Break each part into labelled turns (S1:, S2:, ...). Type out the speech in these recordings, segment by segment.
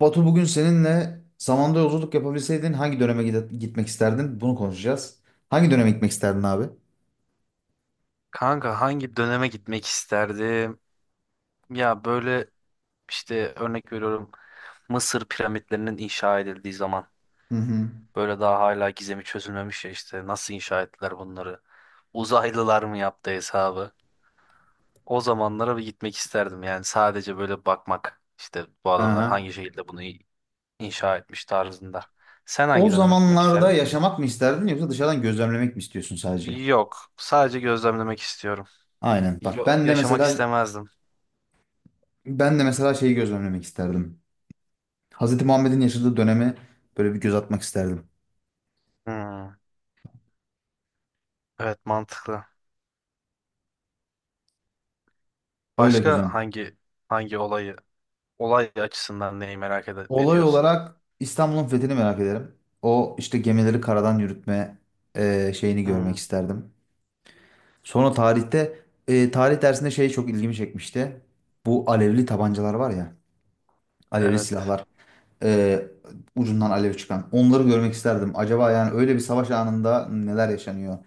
S1: Batu, bugün seninle zamanda yolculuk yapabilseydin hangi döneme gitmek isterdin? Bunu konuşacağız. Hangi döneme gitmek isterdin abi?
S2: Kanka hangi döneme gitmek isterdim? Ya böyle işte örnek veriyorum Mısır piramitlerinin inşa edildiği zaman
S1: Hı hı.
S2: böyle daha hala gizemi çözülmemiş ya işte nasıl inşa ettiler bunları? Uzaylılar mı yaptı hesabı? O zamanlara bir gitmek isterdim yani sadece böyle bakmak işte bu adamlar
S1: Aha.
S2: hangi şekilde bunu inşa etmiş tarzında. Sen
S1: O
S2: hangi döneme gitmek
S1: zamanlarda
S2: isterdin?
S1: yaşamak mı isterdin, yoksa dışarıdan gözlemlemek mi istiyorsun sadece?
S2: Yok, sadece gözlemlemek istiyorum.
S1: Aynen. Bak, ben de
S2: Yaşamak
S1: mesela
S2: istemezdim.
S1: şeyi gözlemlemek isterdim. Hazreti Muhammed'in yaşadığı dönemi böyle bir göz atmak isterdim.
S2: Hmm, evet mantıklı.
S1: Öyle
S2: Başka
S1: güzel.
S2: hangi olayı olay açısından neyi
S1: Olay
S2: ediyorsun?
S1: olarak İstanbul'un fethini merak ederim. O işte gemileri karadan yürütme şeyini görmek
S2: Hmm,
S1: isterdim. Sonra tarihte, tarih dersinde şey çok ilgimi çekmişti. Bu alevli tabancalar var ya, alevli
S2: evet.
S1: silahlar, e, ucundan alev çıkan. Onları görmek isterdim. Acaba yani öyle bir savaş anında neler yaşanıyor?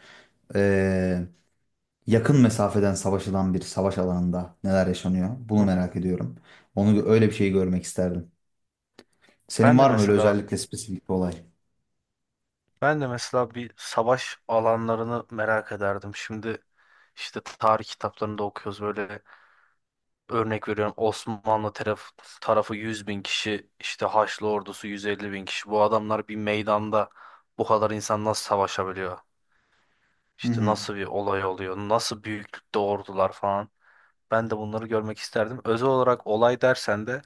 S1: E, Yakın mesafeden savaşılan bir savaş alanında neler yaşanıyor? Bunu
S2: Hmm.
S1: merak ediyorum. Onu öyle bir şey görmek isterdim. Senin
S2: Ben de
S1: var mı öyle
S2: mesela
S1: özellikle spesifik bir olay?
S2: ben de mesela bir savaş alanlarını merak ederdim. Şimdi işte tarih kitaplarında okuyoruz böyle örnek veriyorum Osmanlı tarafı 100.000 kişi işte Haçlı ordusu 150.000 kişi. Bu adamlar bir meydanda bu kadar insan nasıl savaşabiliyor?
S1: Hı
S2: İşte
S1: hı,
S2: nasıl bir olay oluyor? Nasıl büyüklükte ordular falan? Ben de bunları görmek isterdim. Özel olarak olay dersen de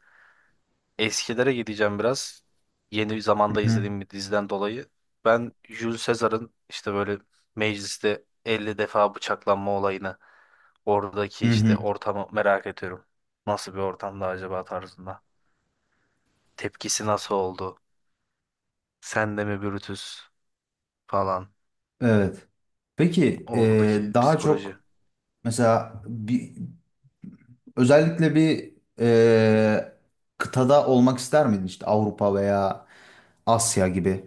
S2: eskilere gideceğim biraz. Yeni zamanda
S1: hı hı,
S2: izlediğim bir diziden dolayı. Ben Jules Caesar'ın işte böyle mecliste 50 defa bıçaklanma olayını oradaki
S1: hı hı.
S2: işte ortamı merak ediyorum. Nasıl bir ortamda acaba tarzında. Tepkisi nasıl oldu? Sen de mi Brutus falan.
S1: Evet. Peki,
S2: Oradaki
S1: daha
S2: psikoloji.
S1: çok mesela bir, özellikle bir, e, kıtada olmak ister miydin, işte Avrupa veya Asya gibi?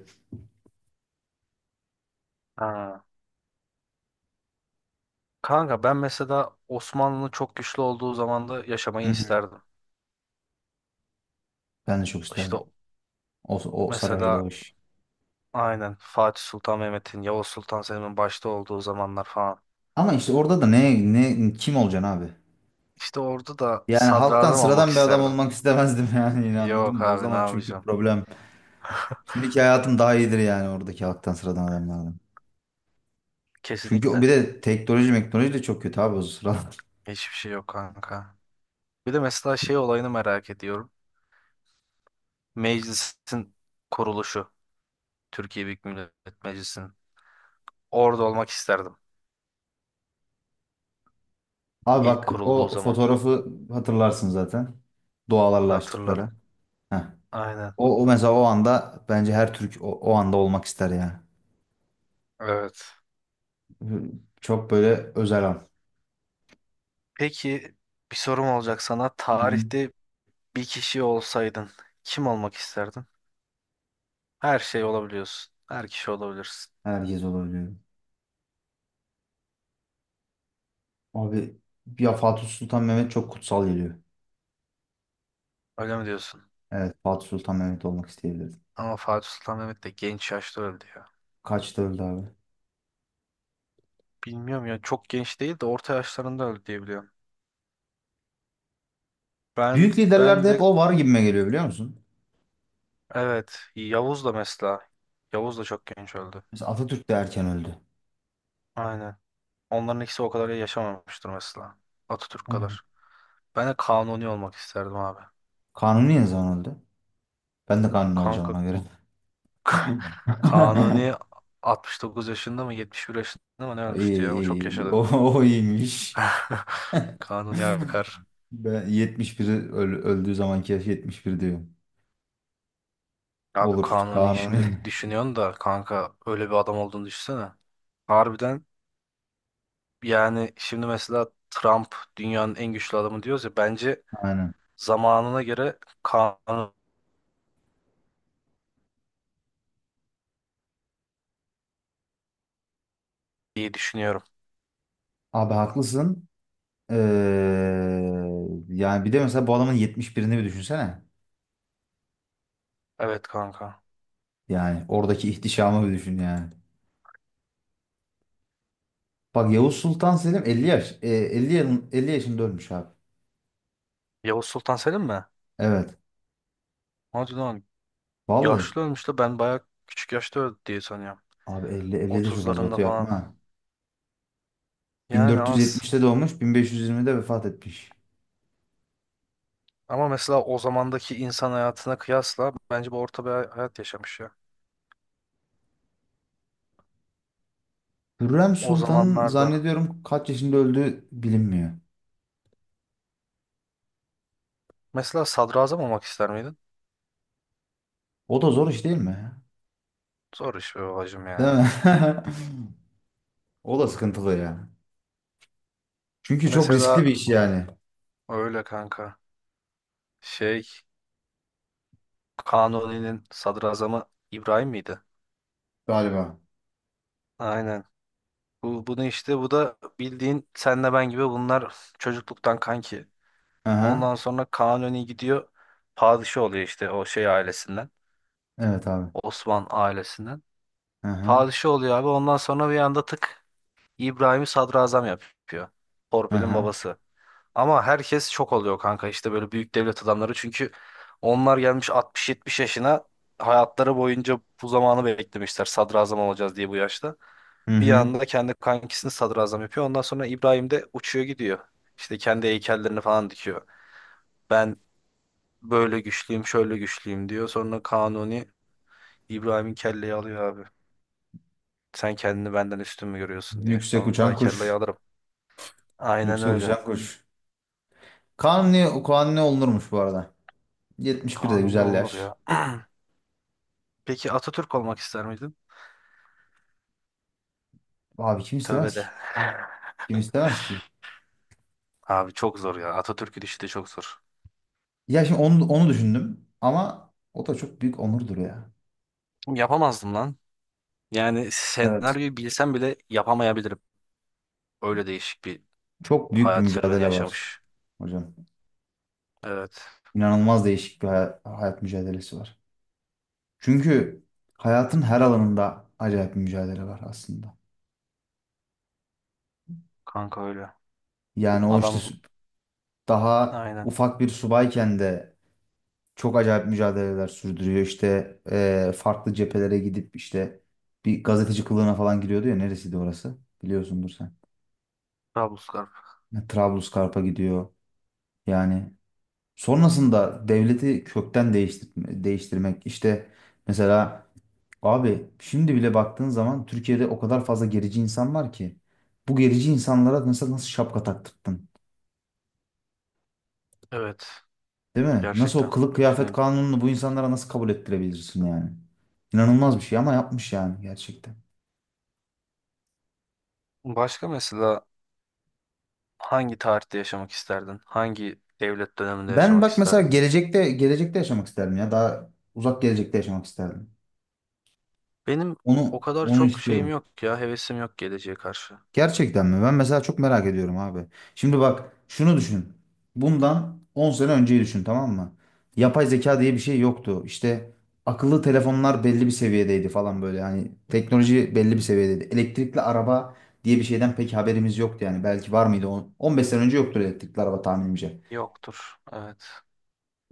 S2: Ha. Kanka ben mesela Osmanlı'nın çok güçlü olduğu zamanda
S1: Hı
S2: yaşamayı
S1: hı.
S2: isterdim.
S1: Ben de çok
S2: İşte
S1: isterdim. O sarardı o
S2: mesela
S1: iş.
S2: aynen Fatih Sultan Mehmet'in, Yavuz Sultan Selim'in başta olduğu zamanlar falan.
S1: Ama işte orada da ne kim olacaksın abi?
S2: İşte orada da
S1: Yani halktan
S2: sadrazam olmak
S1: sıradan bir adam
S2: isterdim.
S1: olmak istemezdim yani, yine anladın
S2: Yok
S1: mı? O
S2: abi ne
S1: zaman çünkü
S2: yapacağım?
S1: problem. Şimdiki hayatım daha iyidir yani, oradaki halktan sıradan adamlardan. Çünkü o bir
S2: Kesinlikle.
S1: de teknoloji meknoloji de çok kötü abi o sıralar.
S2: Hiçbir şey yok kanka. Bir de mesela şey olayını merak ediyorum. Meclisin kuruluşu. Türkiye Büyük Millet Meclisi'nin. Orada olmak isterdim.
S1: Abi
S2: İlk
S1: bak,
S2: kurulduğu
S1: o
S2: zaman.
S1: fotoğrafı hatırlarsın zaten. Dualarla açtıkları.
S2: Hatırlarım.
S1: Heh.
S2: Aynen.
S1: O mesela o anda bence her Türk o anda olmak ister ya.
S2: Evet.
S1: Çok böyle özel an.
S2: Peki bir sorum olacak sana.
S1: Hı hı.
S2: Tarihte bir kişi olsaydın kim olmak isterdin? Her şey olabiliyorsun. Her kişi olabilirsin.
S1: Herkes olabiliyor. Abi ya, Fatih Sultan Mehmet çok kutsal geliyor.
S2: Öyle mi diyorsun?
S1: Evet, Fatih Sultan Mehmet olmak isteyebilirdim.
S2: Ama Fatih Sultan Mehmet de genç yaşta öldü ya.
S1: Kaçta öldü abi?
S2: Bilmiyorum ya çok genç değil de orta yaşlarında öldü diye biliyorum.
S1: Büyük
S2: Ben ben
S1: liderlerde
S2: de
S1: hep o var gibime geliyor, biliyor musun?
S2: evet Yavuz da mesela. Yavuz da çok genç öldü.
S1: Mesela Atatürk de erken öldü.
S2: Aynen. Onların ikisi o kadar yaşamamıştır mesela. Atatürk
S1: Evet.
S2: kadar. Ben de Kanuni olmak isterdim abi.
S1: Kanuni ne zaman öldü? Ben de Kanuni olacağım
S2: Kanka
S1: ona göre.
S2: Kanuni 69 yaşında mı 71 yaşında mı ne
S1: İyi,
S2: ölmüştü ya? O çok
S1: iyi. O,
S2: yaşadı.
S1: o iyiymiş.
S2: Kanuni akar.
S1: Ben 71, öldüğü zamanki yaş 71 diyor.
S2: Abi
S1: Olur,
S2: Kanuni
S1: Kanuni.
S2: işini düşünüyorsun da kanka öyle bir adam olduğunu düşünsene. Harbiden yani şimdi mesela Trump dünyanın en güçlü adamı diyoruz ya bence
S1: Aynen.
S2: zamanına göre Kanuni diye düşünüyorum.
S1: Abi haklısın. Ee, Yani bir de mesela bu adamın 71'ini bir düşünsene.
S2: Evet kanka.
S1: Yani oradaki ihtişamı bir düşün yani. Bak, Yavuz Sultan Selim 50 yaş. 50, 50 yaşında ölmüş abi.
S2: Yavuz Sultan Selim mi?
S1: Evet.
S2: Hadi lan
S1: Vallahi.
S2: yaşlı ölmüş de ben bayağı küçük yaşta öldü diye sanıyorum.
S1: Abi 50, 50 de çok az
S2: 30'larında
S1: batıyor, yapma.
S2: falan.
S1: Ha.
S2: Yani az.
S1: 1470'te doğmuş, 1520'de vefat etmiş.
S2: Ama mesela o zamandaki insan hayatına kıyasla bence bu orta bir hayat yaşamış ya.
S1: Hürrem
S2: O
S1: Sultan'ın
S2: zamanlarda.
S1: zannediyorum kaç yaşında öldüğü bilinmiyor.
S2: Mesela sadrazam olmak ister miydin?
S1: O da zor iş, değil mi?
S2: Zor iş be babacım
S1: Değil
S2: ya.
S1: mi? O da sıkıntılı ya. Çünkü çok riskli
S2: Mesela
S1: bir iş yani,
S2: öyle kanka. Şey Kanuni'nin sadrazamı İbrahim miydi?
S1: galiba.
S2: Aynen. Bunu işte bu da bildiğin senle ben gibi bunlar çocukluktan kanki.
S1: Aha.
S2: Ondan sonra Kanuni gidiyor padişah oluyor işte o şey ailesinden.
S1: Evet abi.
S2: Osman ailesinden.
S1: Aha.
S2: Padişah oluyor abi ondan sonra bir anda tık İbrahim'i sadrazam yapıyor. Torpil'in
S1: Aha.
S2: babası. Ama herkes şok oluyor kanka işte böyle büyük devlet adamları. Çünkü onlar gelmiş 60-70 yaşına hayatları boyunca bu zamanı beklemişler. Sadrazam olacağız diye bu yaşta.
S1: Hı
S2: Bir
S1: hı.
S2: anda kendi kankisini sadrazam yapıyor. Ondan sonra İbrahim de uçuyor gidiyor. İşte kendi heykellerini falan dikiyor. Ben böyle güçlüyüm, şöyle güçlüyüm diyor. Sonra Kanuni İbrahim'in kelleyi alıyor abi. Sen kendini benden üstün mü görüyorsun diye.
S1: Yüksek
S2: Allah
S1: uçan
S2: kelleyi
S1: kuş.
S2: alırım. Aynen
S1: Yüksek
S2: öyle.
S1: uçan kuş. Kanuni, Kanuni olunurmuş bu arada. 71 de
S2: Kanuni
S1: güzel
S2: olunur
S1: yaş.
S2: ya. Peki Atatürk olmak ister miydin?
S1: Abi, kim
S2: Tövbe
S1: istemez ki?
S2: de.
S1: Kim istemez ki?
S2: Abi çok zor ya. Atatürk'ün işi de çok zor.
S1: Ya şimdi onu düşündüm ama o da çok büyük onurdur ya.
S2: Yapamazdım lan. Yani
S1: Evet.
S2: senaryoyu bilsem bile yapamayabilirim. Öyle değişik bir
S1: Çok büyük bir
S2: hayat serüveni
S1: mücadele var
S2: yaşamış.
S1: hocam.
S2: Evet.
S1: İnanılmaz değişik bir hayat mücadelesi var. Çünkü hayatın her alanında acayip bir mücadele var aslında.
S2: Kanka öyle.
S1: Yani o işte
S2: Adam
S1: daha
S2: aynen.
S1: ufak bir subayken de çok acayip mücadeleler sürdürüyor. İşte farklı cephelere gidip işte bir gazeteci kılığına falan giriyordu ya, neresiydi orası? Biliyorsundur sen.
S2: Trablusgarp.
S1: Ne, Trablusgarp'a gidiyor. Yani sonrasında devleti kökten değiştirmek işte, mesela, abi, şimdi bile baktığın zaman Türkiye'de o kadar fazla gerici insan var ki. Bu gerici insanlara mesela nasıl şapka taktırttın?
S2: Evet.
S1: Değil mi? Nasıl o
S2: Gerçekten.
S1: kılık kıyafet
S2: Şimdi
S1: kanununu bu insanlara nasıl kabul ettirebilirsin yani? İnanılmaz bir şey ama yapmış yani, gerçekten.
S2: başka mesela hangi tarihte yaşamak isterdin? Hangi devlet döneminde
S1: Ben
S2: yaşamak
S1: bak mesela
S2: isterdin?
S1: gelecekte yaşamak isterdim ya. Daha uzak gelecekte yaşamak isterdim.
S2: Benim o
S1: Onu
S2: kadar
S1: onu
S2: çok şeyim
S1: istiyorum.
S2: yok ya. Hevesim yok geleceğe karşı.
S1: Gerçekten mi? Ben mesela çok merak ediyorum abi. Şimdi bak, şunu düşün. Bundan 10 sene önceyi düşün, tamam mı? Yapay zeka diye bir şey yoktu. İşte akıllı telefonlar belli bir seviyedeydi falan böyle. Hani teknoloji belli bir seviyedeydi. Elektrikli araba diye bir şeyden pek haberimiz yoktu yani. Belki var mıydı? 15 sene önce yoktur elektrikli araba tahminimce.
S2: Yoktur. Evet.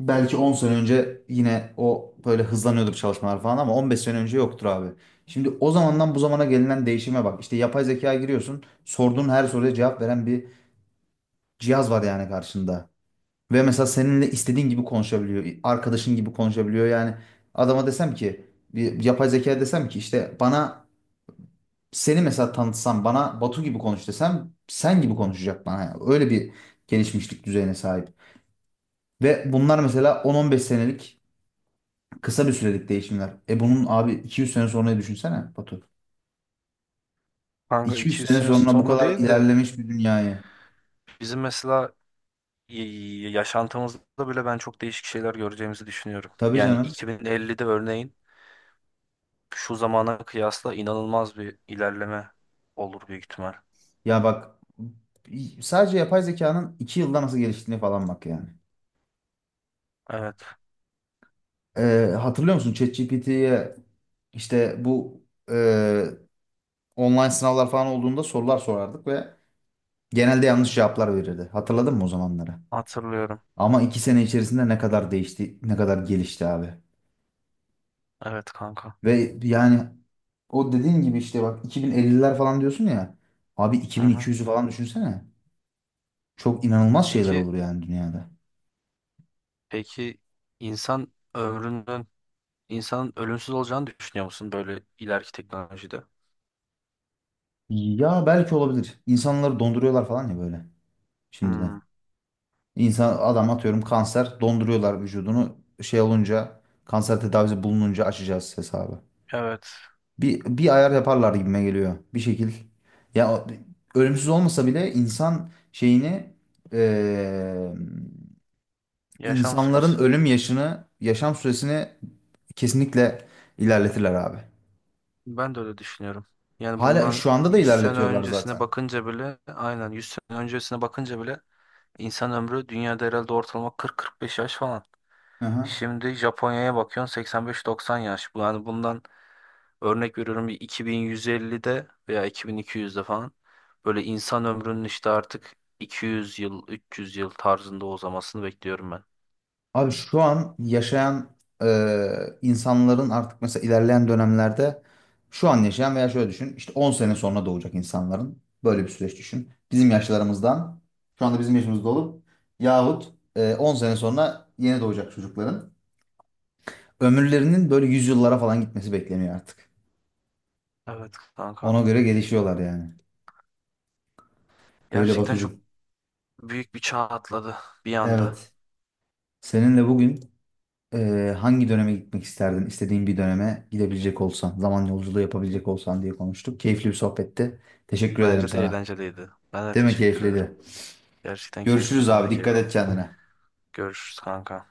S1: Belki 10 sene önce yine o böyle hızlanıyordur çalışmalar falan, ama 15 sene önce yoktur abi. Şimdi o zamandan bu zamana gelinen değişime bak. İşte yapay zekaya giriyorsun. Sorduğun her soruya cevap veren bir cihaz var yani karşında. Ve mesela seninle istediğin gibi konuşabiliyor. Arkadaşın gibi konuşabiliyor. Yani adama desem ki, bir yapay zekaya desem ki işte, bana seni mesela tanıtsam, bana Batu gibi konuş desem, sen gibi konuşacak bana. Yani öyle bir gelişmişlik düzeyine sahip. Ve bunlar mesela on on beş senelik, kısa bir sürelik değişimler. Bunun abi 200 sene sonrayı düşünsene Batu.
S2: Kanka
S1: 200
S2: 200
S1: sene
S2: sene
S1: sonra bu
S2: sonra
S1: kadar
S2: değil de
S1: ilerlemiş bir dünyayı.
S2: bizim mesela yaşantımızda bile ben çok değişik şeyler göreceğimizi düşünüyorum.
S1: Tabii
S2: Yani
S1: canım.
S2: 2050'de örneğin şu zamana kıyasla inanılmaz bir ilerleme olur büyük ihtimal.
S1: Ya bak, sadece yapay zekanın 2 yılda nasıl geliştiğini falan bak yani.
S2: Evet,
S1: E, Hatırlıyor musun, ChatGPT'ye işte bu, e, online sınavlar falan olduğunda sorular sorardık ve genelde yanlış cevaplar verirdi. Hatırladın mı o zamanları?
S2: hatırlıyorum.
S1: Ama 2 sene içerisinde ne kadar değişti, ne kadar gelişti abi.
S2: Evet kanka.
S1: Ve yani o dediğin gibi, işte bak, 2050'ler falan diyorsun ya. Abi,
S2: Hı hı.
S1: 2200'ü falan düşünsene. Çok inanılmaz şeyler
S2: Peki,
S1: olur yani dünyada.
S2: peki, insan ömrünün, insanın ölümsüz olacağını düşünüyor musun böyle ileriki teknolojide?
S1: Ya belki olabilir. İnsanları donduruyorlar falan ya böyle,
S2: Hmm,
S1: şimdiden. İnsan, adam atıyorum kanser, donduruyorlar vücudunu. Şey olunca, kanser tedavisi bulununca açacağız hesabı.
S2: evet,
S1: Bir ayar yaparlar gibime geliyor. Bir şekil. Ya ölümsüz olmasa bile insan şeyini, eee,
S2: yaşam
S1: insanların
S2: süresi.
S1: ölüm yaşını, yaşam süresini kesinlikle ilerletirler abi.
S2: Ben de öyle düşünüyorum. Yani
S1: Hala
S2: bundan
S1: şu anda da
S2: 100 sene
S1: ilerletiyorlar
S2: öncesine
S1: zaten.
S2: bakınca bile, aynen 100 sene öncesine bakınca bile İnsan ömrü dünyada herhalde ortalama 40-45 yaş falan.
S1: Hı hı.
S2: Şimdi Japonya'ya bakıyorsun 85-90 yaş. Yani bundan örnek veriyorum bir 2150'de veya 2200'de falan böyle insan ömrünün işte artık 200 yıl, 300 yıl tarzında uzamasını bekliyorum ben.
S1: Abi şu an yaşayan e, insanların artık mesela ilerleyen dönemlerde, şu an yaşayan veya şöyle düşün, işte 10 sene sonra doğacak insanların, böyle bir süreç düşün. Bizim yaşlarımızdan, şu anda bizim yaşımızda olup yahut 10 sene sonra yeni doğacak çocukların ömürlerinin böyle yüzyıllara falan gitmesi bekleniyor artık.
S2: Evet
S1: Ona
S2: kanka.
S1: göre gelişiyorlar yani. Böyle
S2: Gerçekten çok
S1: Batucuğum.
S2: büyük bir çağ atladı bir anda.
S1: Evet. Seninle bugün hangi döneme gitmek isterdin, İstediğin bir döneme gidebilecek olsan, zaman yolculuğu yapabilecek olsan diye konuştuk. Keyifli bir sohbetti. Teşekkür ederim
S2: Bence de
S1: sana.
S2: eğlenceliydi. Ben de
S1: Değil mi,
S2: teşekkür ederim.
S1: keyifliydi?
S2: Gerçekten
S1: Görüşürüz
S2: keyifliydi. Ben de
S1: abi.
S2: keyif
S1: Dikkat et
S2: aldım.
S1: kendine.
S2: Görüşürüz kanka.